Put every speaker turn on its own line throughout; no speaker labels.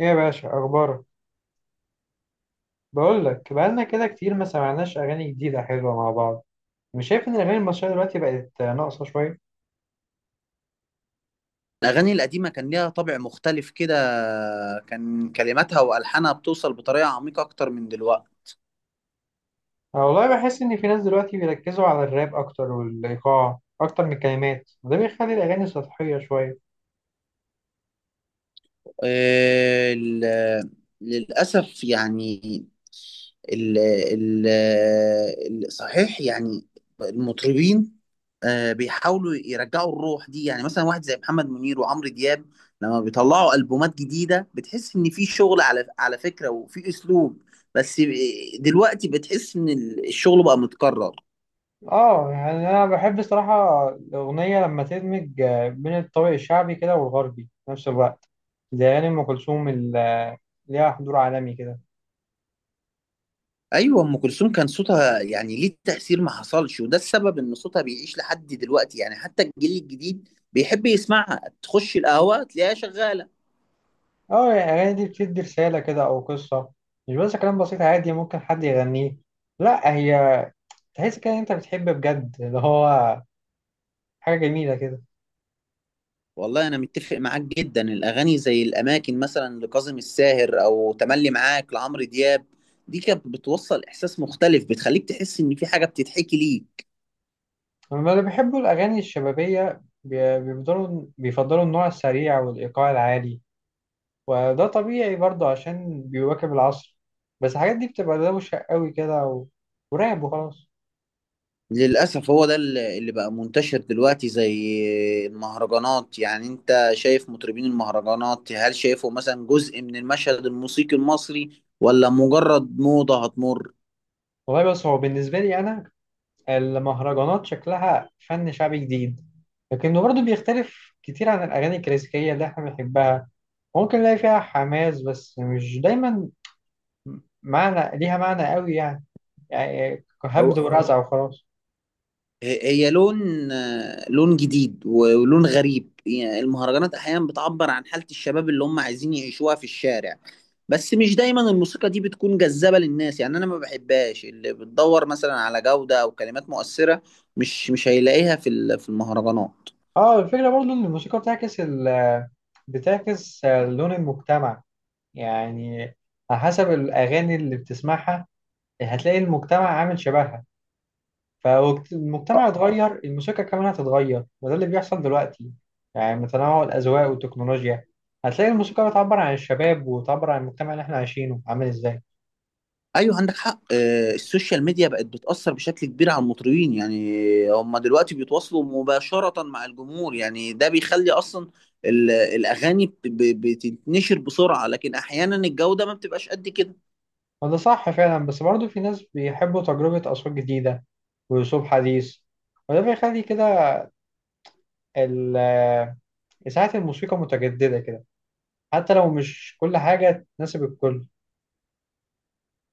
ايه يا باشا اخبارك؟ بقول لك بقالنا كده كتير ما سمعناش اغاني جديده حلوه مع بعض. مش شايف ان الاغاني المصريه دلوقتي بقت ناقصه شويه؟
الأغاني القديمة كان ليها طابع مختلف كده، كان كلماتها وألحانها بتوصل بطريقة عميقة أكتر من دلوقتي.
انا والله بحس ان في ناس دلوقتي بيركزوا على الراب اكتر والايقاع اكتر من الكلمات، وده بيخلي الاغاني سطحيه شويه.
آه، ال- للأسف يعني. ال ال صحيح يعني. المطربين بيحاولوا يرجعوا الروح دي، يعني مثلا واحد زي محمد منير وعمرو دياب، لما بيطلعوا ألبومات جديدة بتحس إن في شغل على فكرة وفي أسلوب. بس دلوقتي بتحس إن الشغل بقى متكرر.
اه يعني انا بحب الصراحه الاغنيه لما تدمج بين الطابع الشعبي كده والغربي في نفس الوقت، زي اغاني ام كلثوم اللي ليها حضور عالمي كده.
ايوه، ام كلثوم كان صوتها يعني ليه تاثير ما حصلش، وده السبب ان صوتها بيعيش لحد دلوقتي، يعني حتى الجيل الجديد بيحب يسمعها، تخش القهوه تلاقيها شغاله.
اه يعني الأغاني دي بتدي رسالة كده أو قصة، مش بس كلام بسيط عادي ممكن حد يغنيه. لا، هي تحس كده إن أنت بتحب بجد، اللي هو حاجة جميلة كده.
والله انا متفق معاك جدا، الاغاني زي الاماكن مثلا لكاظم الساهر او تملي معاك لعمرو دياب، دي كانت بتوصل احساس مختلف، بتخليك تحس ان في حاجه بتتحكي ليك.
أما اللي بيحبوا الأغاني الشبابية بيفضلوا النوع السريع والإيقاع العالي، وده طبيعي برضه عشان بيواكب العصر. بس الحاجات دي بتبقى دوشة قوي كده وراب وخلاص.
للأسف هو ده اللي بقى منتشر دلوقتي زي المهرجانات. يعني انت شايف مطربين المهرجانات، هل شايفه مثلا جزء من المشهد الموسيقي المصري ولا مجرد موضة هتمر؟
والله بس هو بالنسبة لي أنا المهرجانات شكلها فن شعبي جديد، لكنه برضه بيختلف كتير عن الأغاني الكلاسيكية اللي احنا بنحبها. ممكن نلاقي فيها حماس بس مش دايما معنى، ليها معنى قوي يعني، يعني هبد ورزع وخلاص.
هي لون، لون جديد ولون غريب، يعني المهرجانات احيانا بتعبر عن حالة الشباب اللي هم عايزين يعيشوها في الشارع. بس مش دايما الموسيقى دي بتكون جذابة للناس، يعني انا ما بحبهاش. اللي بتدور مثلا على جودة او كلمات مؤثرة، مش هيلاقيها في المهرجانات.
اه الفكرة برضه إن الموسيقى بتعكس بتعكس لون المجتمع. يعني على حسب الأغاني اللي بتسمعها هتلاقي المجتمع عامل شبهها، فالمجتمع اتغير الموسيقى كمان هتتغير، وده اللي بيحصل دلوقتي. يعني من تنوع الأذواق والتكنولوجيا هتلاقي الموسيقى بتعبر عن الشباب وتعبر عن المجتمع اللي احنا عايشينه عامل ازاي.
ايوه، عندك حق. السوشيال ميديا بقت بتأثر بشكل كبير على المطربين، يعني هم دلوقتي بيتواصلوا مباشرة مع الجمهور، يعني ده بيخلي اصلا الاغاني بتتنشر بسرعة، لكن احيانا الجودة ما بتبقاش قد كده.
وده صح فعلا، بس برضه في ناس بيحبوا تجربة أصوات جديدة وأسلوب حديث، وده بيخلي كده ال- إذاعة الموسيقى متجددة كده، حتى لو مش كل حاجة تناسب الكل.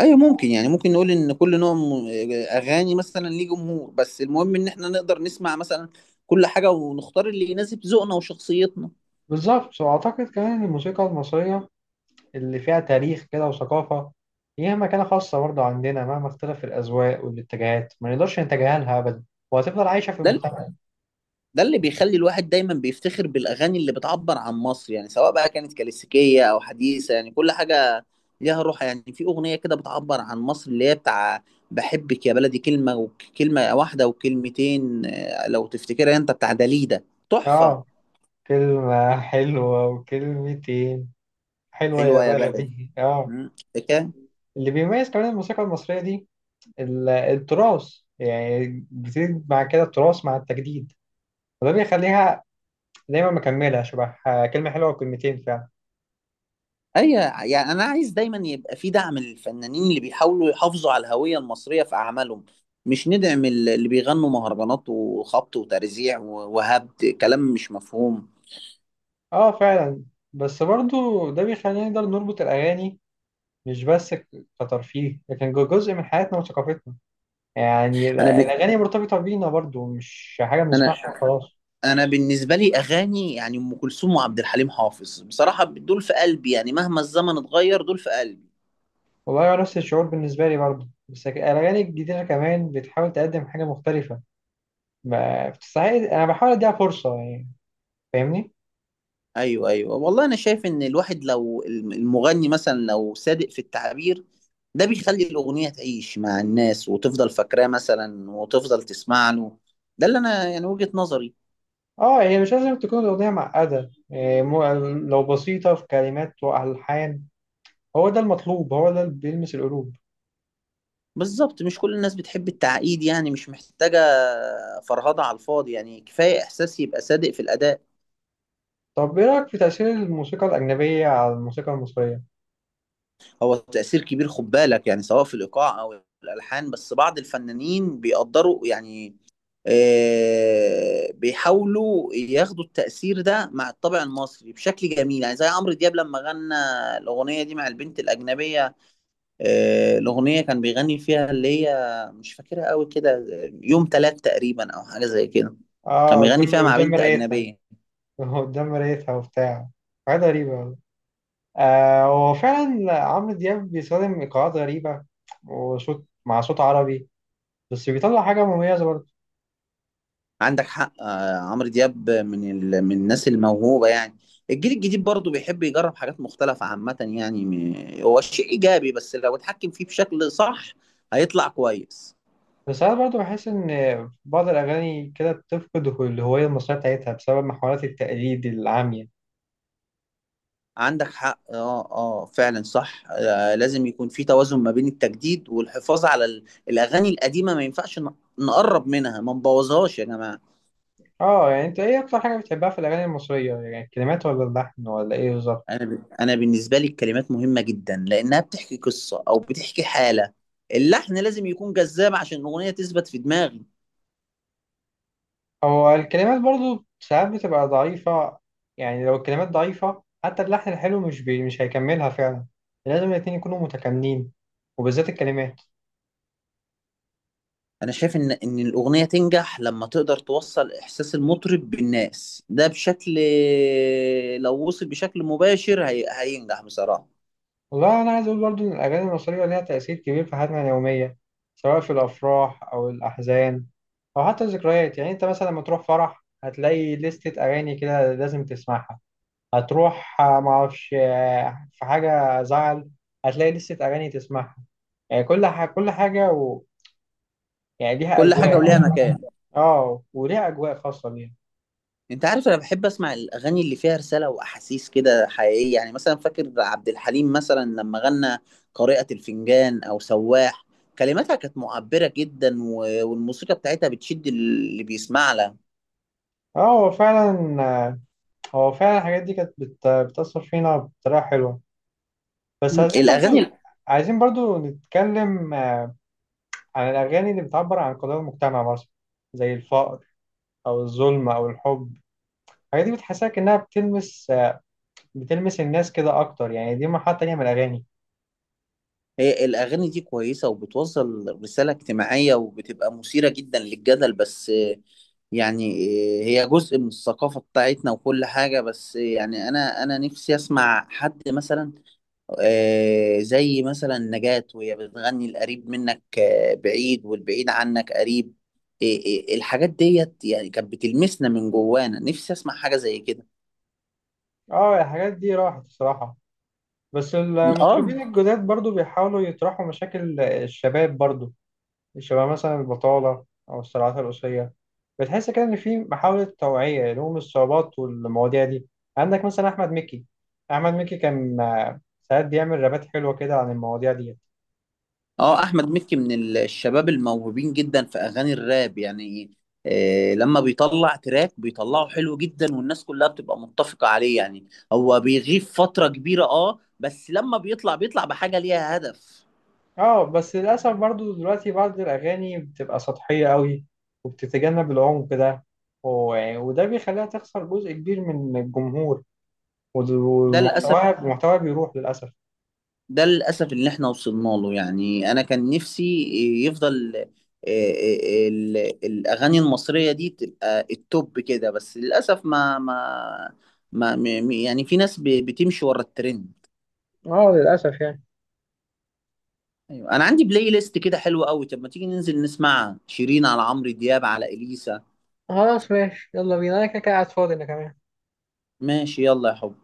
ايوه، ممكن، يعني ممكن نقول ان كل نوع اغاني مثلا ليه جمهور، بس المهم ان احنا نقدر نسمع مثلا كل حاجة ونختار اللي يناسب ذوقنا وشخصيتنا.
بالظبط، وأعتقد كمان إن الموسيقى المصرية اللي فيها تاريخ كده وثقافة ليها مكانة خاصة برضه عندنا، مهما اختلف الأذواق والاتجاهات ما نقدرش نتجاهلها أبدا، وهتفضل عايشة في
ده
المجتمع.
ده اللي بيخلي الواحد دايما بيفتخر بالاغاني اللي بتعبر عن مصر، يعني سواء بقى كانت كلاسيكيه او حديثه، يعني كل حاجه ليها روح. يعني في اغنيه كده بتعبر عن مصر اللي هي بتاع بحبك يا بلدي، كلمه وكلمه واحده وكلمتين، لو تفتكرها، انت بتاع داليدا. تحفه.
آه، كلمة حلوة وكلمتين، حلوة يا
حلوه يا بلدي.
بلدي، آه.
مم. فاكرها؟
اللي بيميز كمان الموسيقى المصرية دي التراث، يعني بتزيد مع كده التراث مع التجديد، وده بيخليها دايما مكملة. شبه كلمة حلوة وكلمتين فعلا.
ايوه، يعني انا عايز دايما يبقى في دعم للفنانين اللي بيحاولوا يحافظوا على الهويه المصريه في اعمالهم، مش ندعم اللي بيغنوا مهرجانات وخبط وترزيع وهبد كلام مش مفهوم.
آه فعلا. بس برضه ده بيخلينا نقدر نربط الأغاني، مش بس كترفيه، لكن جزء من حياتنا وثقافتنا. يعني
انا ب...
الأغاني مرتبطة بينا برضو، مش حاجة
انا
بنسمعها وخلاص.
انا بالنسبه لي اغاني يعني ام كلثوم وعبد الحليم حافظ، بصراحه دول في قلبي، يعني مهما الزمن اتغير دول في قلبي.
والله هو نفس الشعور بالنسبة لي برضو، بس الأغاني الجديدة كمان بتحاول تقدم حاجة مختلفة، ما بتستعيد. أنا بحاول أديها فرصة يعني، فاهمني؟
ايوه، ايوه، والله انا شايف ان الواحد لو المغني مثلا لو صادق في التعبير، ده بيخلي الاغنيه تعيش مع الناس وتفضل فاكراه مثلا وتفضل تسمع له. ده اللي انا يعني وجهه نظري.
اه هي مش لازم تكون الأغنية معقدة إيه، لو بسيطة في كلمات وألحان هو ده المطلوب، هو ده اللي بيلمس القلوب.
بالظبط، مش كل الناس بتحب التعقيد، يعني مش محتاجه فرهضه على الفاضي، يعني كفايه احساس يبقى صادق في الاداء.
طب إيه رأيك في تأثير الموسيقى الأجنبية على الموسيقى المصرية؟
هو تأثير كبير، خد بالك، يعني سواء في الإيقاع أو الألحان، بس بعض الفنانين بيقدروا يعني بيحاولوا ياخدوا التأثير ده مع الطابع المصري بشكل جميل، يعني زي عمرو دياب لما غنى الأغنية دي مع البنت الأجنبية. الأغنية كان بيغني فيها اللي هي مش فاكرها قوي كده، يوم تلات تقريبا أو حاجة زي كده. كان
اه،
بيغني
قدام
فيها مع
قدام
بنت
مرايتها،
أجنبية.
قدام مرايتها وبتاع، حاجات غريبة والله. آه، هو فعلا عمرو دياب بيستخدم إيقاعات غريبة وصوت مع صوت عربي، بس بيطلع حاجة مميزة برضه.
عندك حق. عمرو دياب من الناس الموهوبه، يعني الجيل الجديد برضه بيحب يجرب حاجات مختلفه عامه، يعني هو الشيء ايجابي بس لو اتحكم فيه بشكل صح هيطلع كويس.
بس ساعات برضه بحس إن بعض الأغاني كده بتفقد الهوية المصرية بتاعتها بسبب محاولات التقليد العامية.
عندك حق. اه، اه، فعلا، صح. لازم يكون في توازن ما بين التجديد والحفاظ على الاغاني القديمه. ما ينفعش نقرب منها، ما نبوظهاش يا جماعه.
اه يعني انت ايه اكتر حاجة بتحبها في الأغاني المصرية، يعني الكلمات ولا اللحن ولا ايه بالظبط؟
انا بالنسبه لي الكلمات مهمه جدا لانها بتحكي قصه او بتحكي حاله. اللحن لازم يكون جذاب عشان الاغنيه تثبت في دماغي.
هو الكلمات برضو ساعات بتبقى ضعيفة، يعني لو الكلمات ضعيفة حتى اللحن الحلو مش هيكملها فعلا. لازم الاتنين يكونوا متكاملين، وبالذات الكلمات.
انا شايف ان الاغنيه تنجح لما تقدر توصل احساس المطرب بالناس، ده بشكل، لو وصل بشكل مباشر هينجح بصراحه.
والله أنا عايز أقول برضو إن الأغاني المصرية ليها تأثير كبير في حياتنا اليومية، سواء في الأفراح أو الأحزان أو حتى الذكريات. يعني أنت مثلا لما تروح فرح هتلاقي لستة أغاني كده لازم تسمعها، هتروح معرفش، في حاجة زعل هتلاقي لستة أغاني تسمعها. يعني كل حاجة يعني ليها
كل حاجه وليها
أجواء.
مكان.
اه وليها اجواء خاصه ليها.
انت عارف انا بحب اسمع الاغاني اللي فيها رساله واحاسيس كده حقيقيه، يعني مثلا فاكر عبد الحليم مثلا لما غنى قارئة الفنجان او سواح، كلماتها كانت معبره جدا، و... والموسيقى بتاعتها بتشد اللي بيسمع لها.
اه هو فعلا، هو فعلا الحاجات دي كانت بتأثر فينا بطريقه حلوه. بس عايزين برضو،
الاغاني.
عايزين برضو نتكلم عن الاغاني اللي بتعبر عن قضايا المجتمع مثلا، زي الفقر او الظلم او الحب. الحاجات دي بتحسسك انها بتلمس، بتلمس الناس كده اكتر، يعني دي مرحله تانيه من الاغاني.
هي الأغاني دي كويسة وبتوصل رسالة اجتماعية وبتبقى مثيرة جدا للجدل، بس يعني، هي جزء من الثقافة بتاعتنا وكل حاجة، بس يعني أنا نفسي أسمع حد مثلا زي مثلا نجاة وهي بتغني القريب منك، بعيد والبعيد عنك قريب. آه، الحاجات ديت يعني كانت بتلمسنا من جوانا، نفسي أسمع حاجة زي كده.
اه الحاجات دي راحت الصراحه، بس
آه
المطربين الجداد برضو بيحاولوا يطرحوا مشاكل الشباب برضو، شبه مثلا البطالة أو الصراعات الأسرية. بتحس كده إن في محاولة توعية لهم الصعوبات والمواضيع دي. عندك مثلا أحمد مكي، أحمد مكي كان ساعات بيعمل رابات حلوة كده عن المواضيع دي.
اه احمد مكي الشباب الموهوبين جدا في اغاني الراب، يعني لما بيطلع تراك بيطلعه حلو جدا والناس كلها بتبقى متفقة عليه، يعني هو بيغيب فترة كبيرة، بس لما بيطلع بحاجة ليها هدف.
اه بس للأسف برضو دلوقتي بعض الأغاني بتبقى سطحية قوي وبتتجنب العمق ده، وده بيخليها تخسر جزء كبير من الجمهور،
ده للأسف
ومحتواها، محتواها بيروح للأسف.
ده للأسف اللي احنا وصلنا له، يعني انا كان نفسي يفضل. آه، ال- الاغاني المصرية دي تبقى التوب كده، بس للأسف ما ما ما م- م- يعني في ناس بتمشي ورا الترند.
اه للأسف يعني.
ايوه، انا عندي بلاي ليست كده حلوه قوي، طب ما تيجي ننزل نسمع شيرين على عمرو دياب على اليسا.
خلاص ماشي يلا بينا، انا كده كده قاعد فاضي انا كمان.
ماشي، يلا يا حب.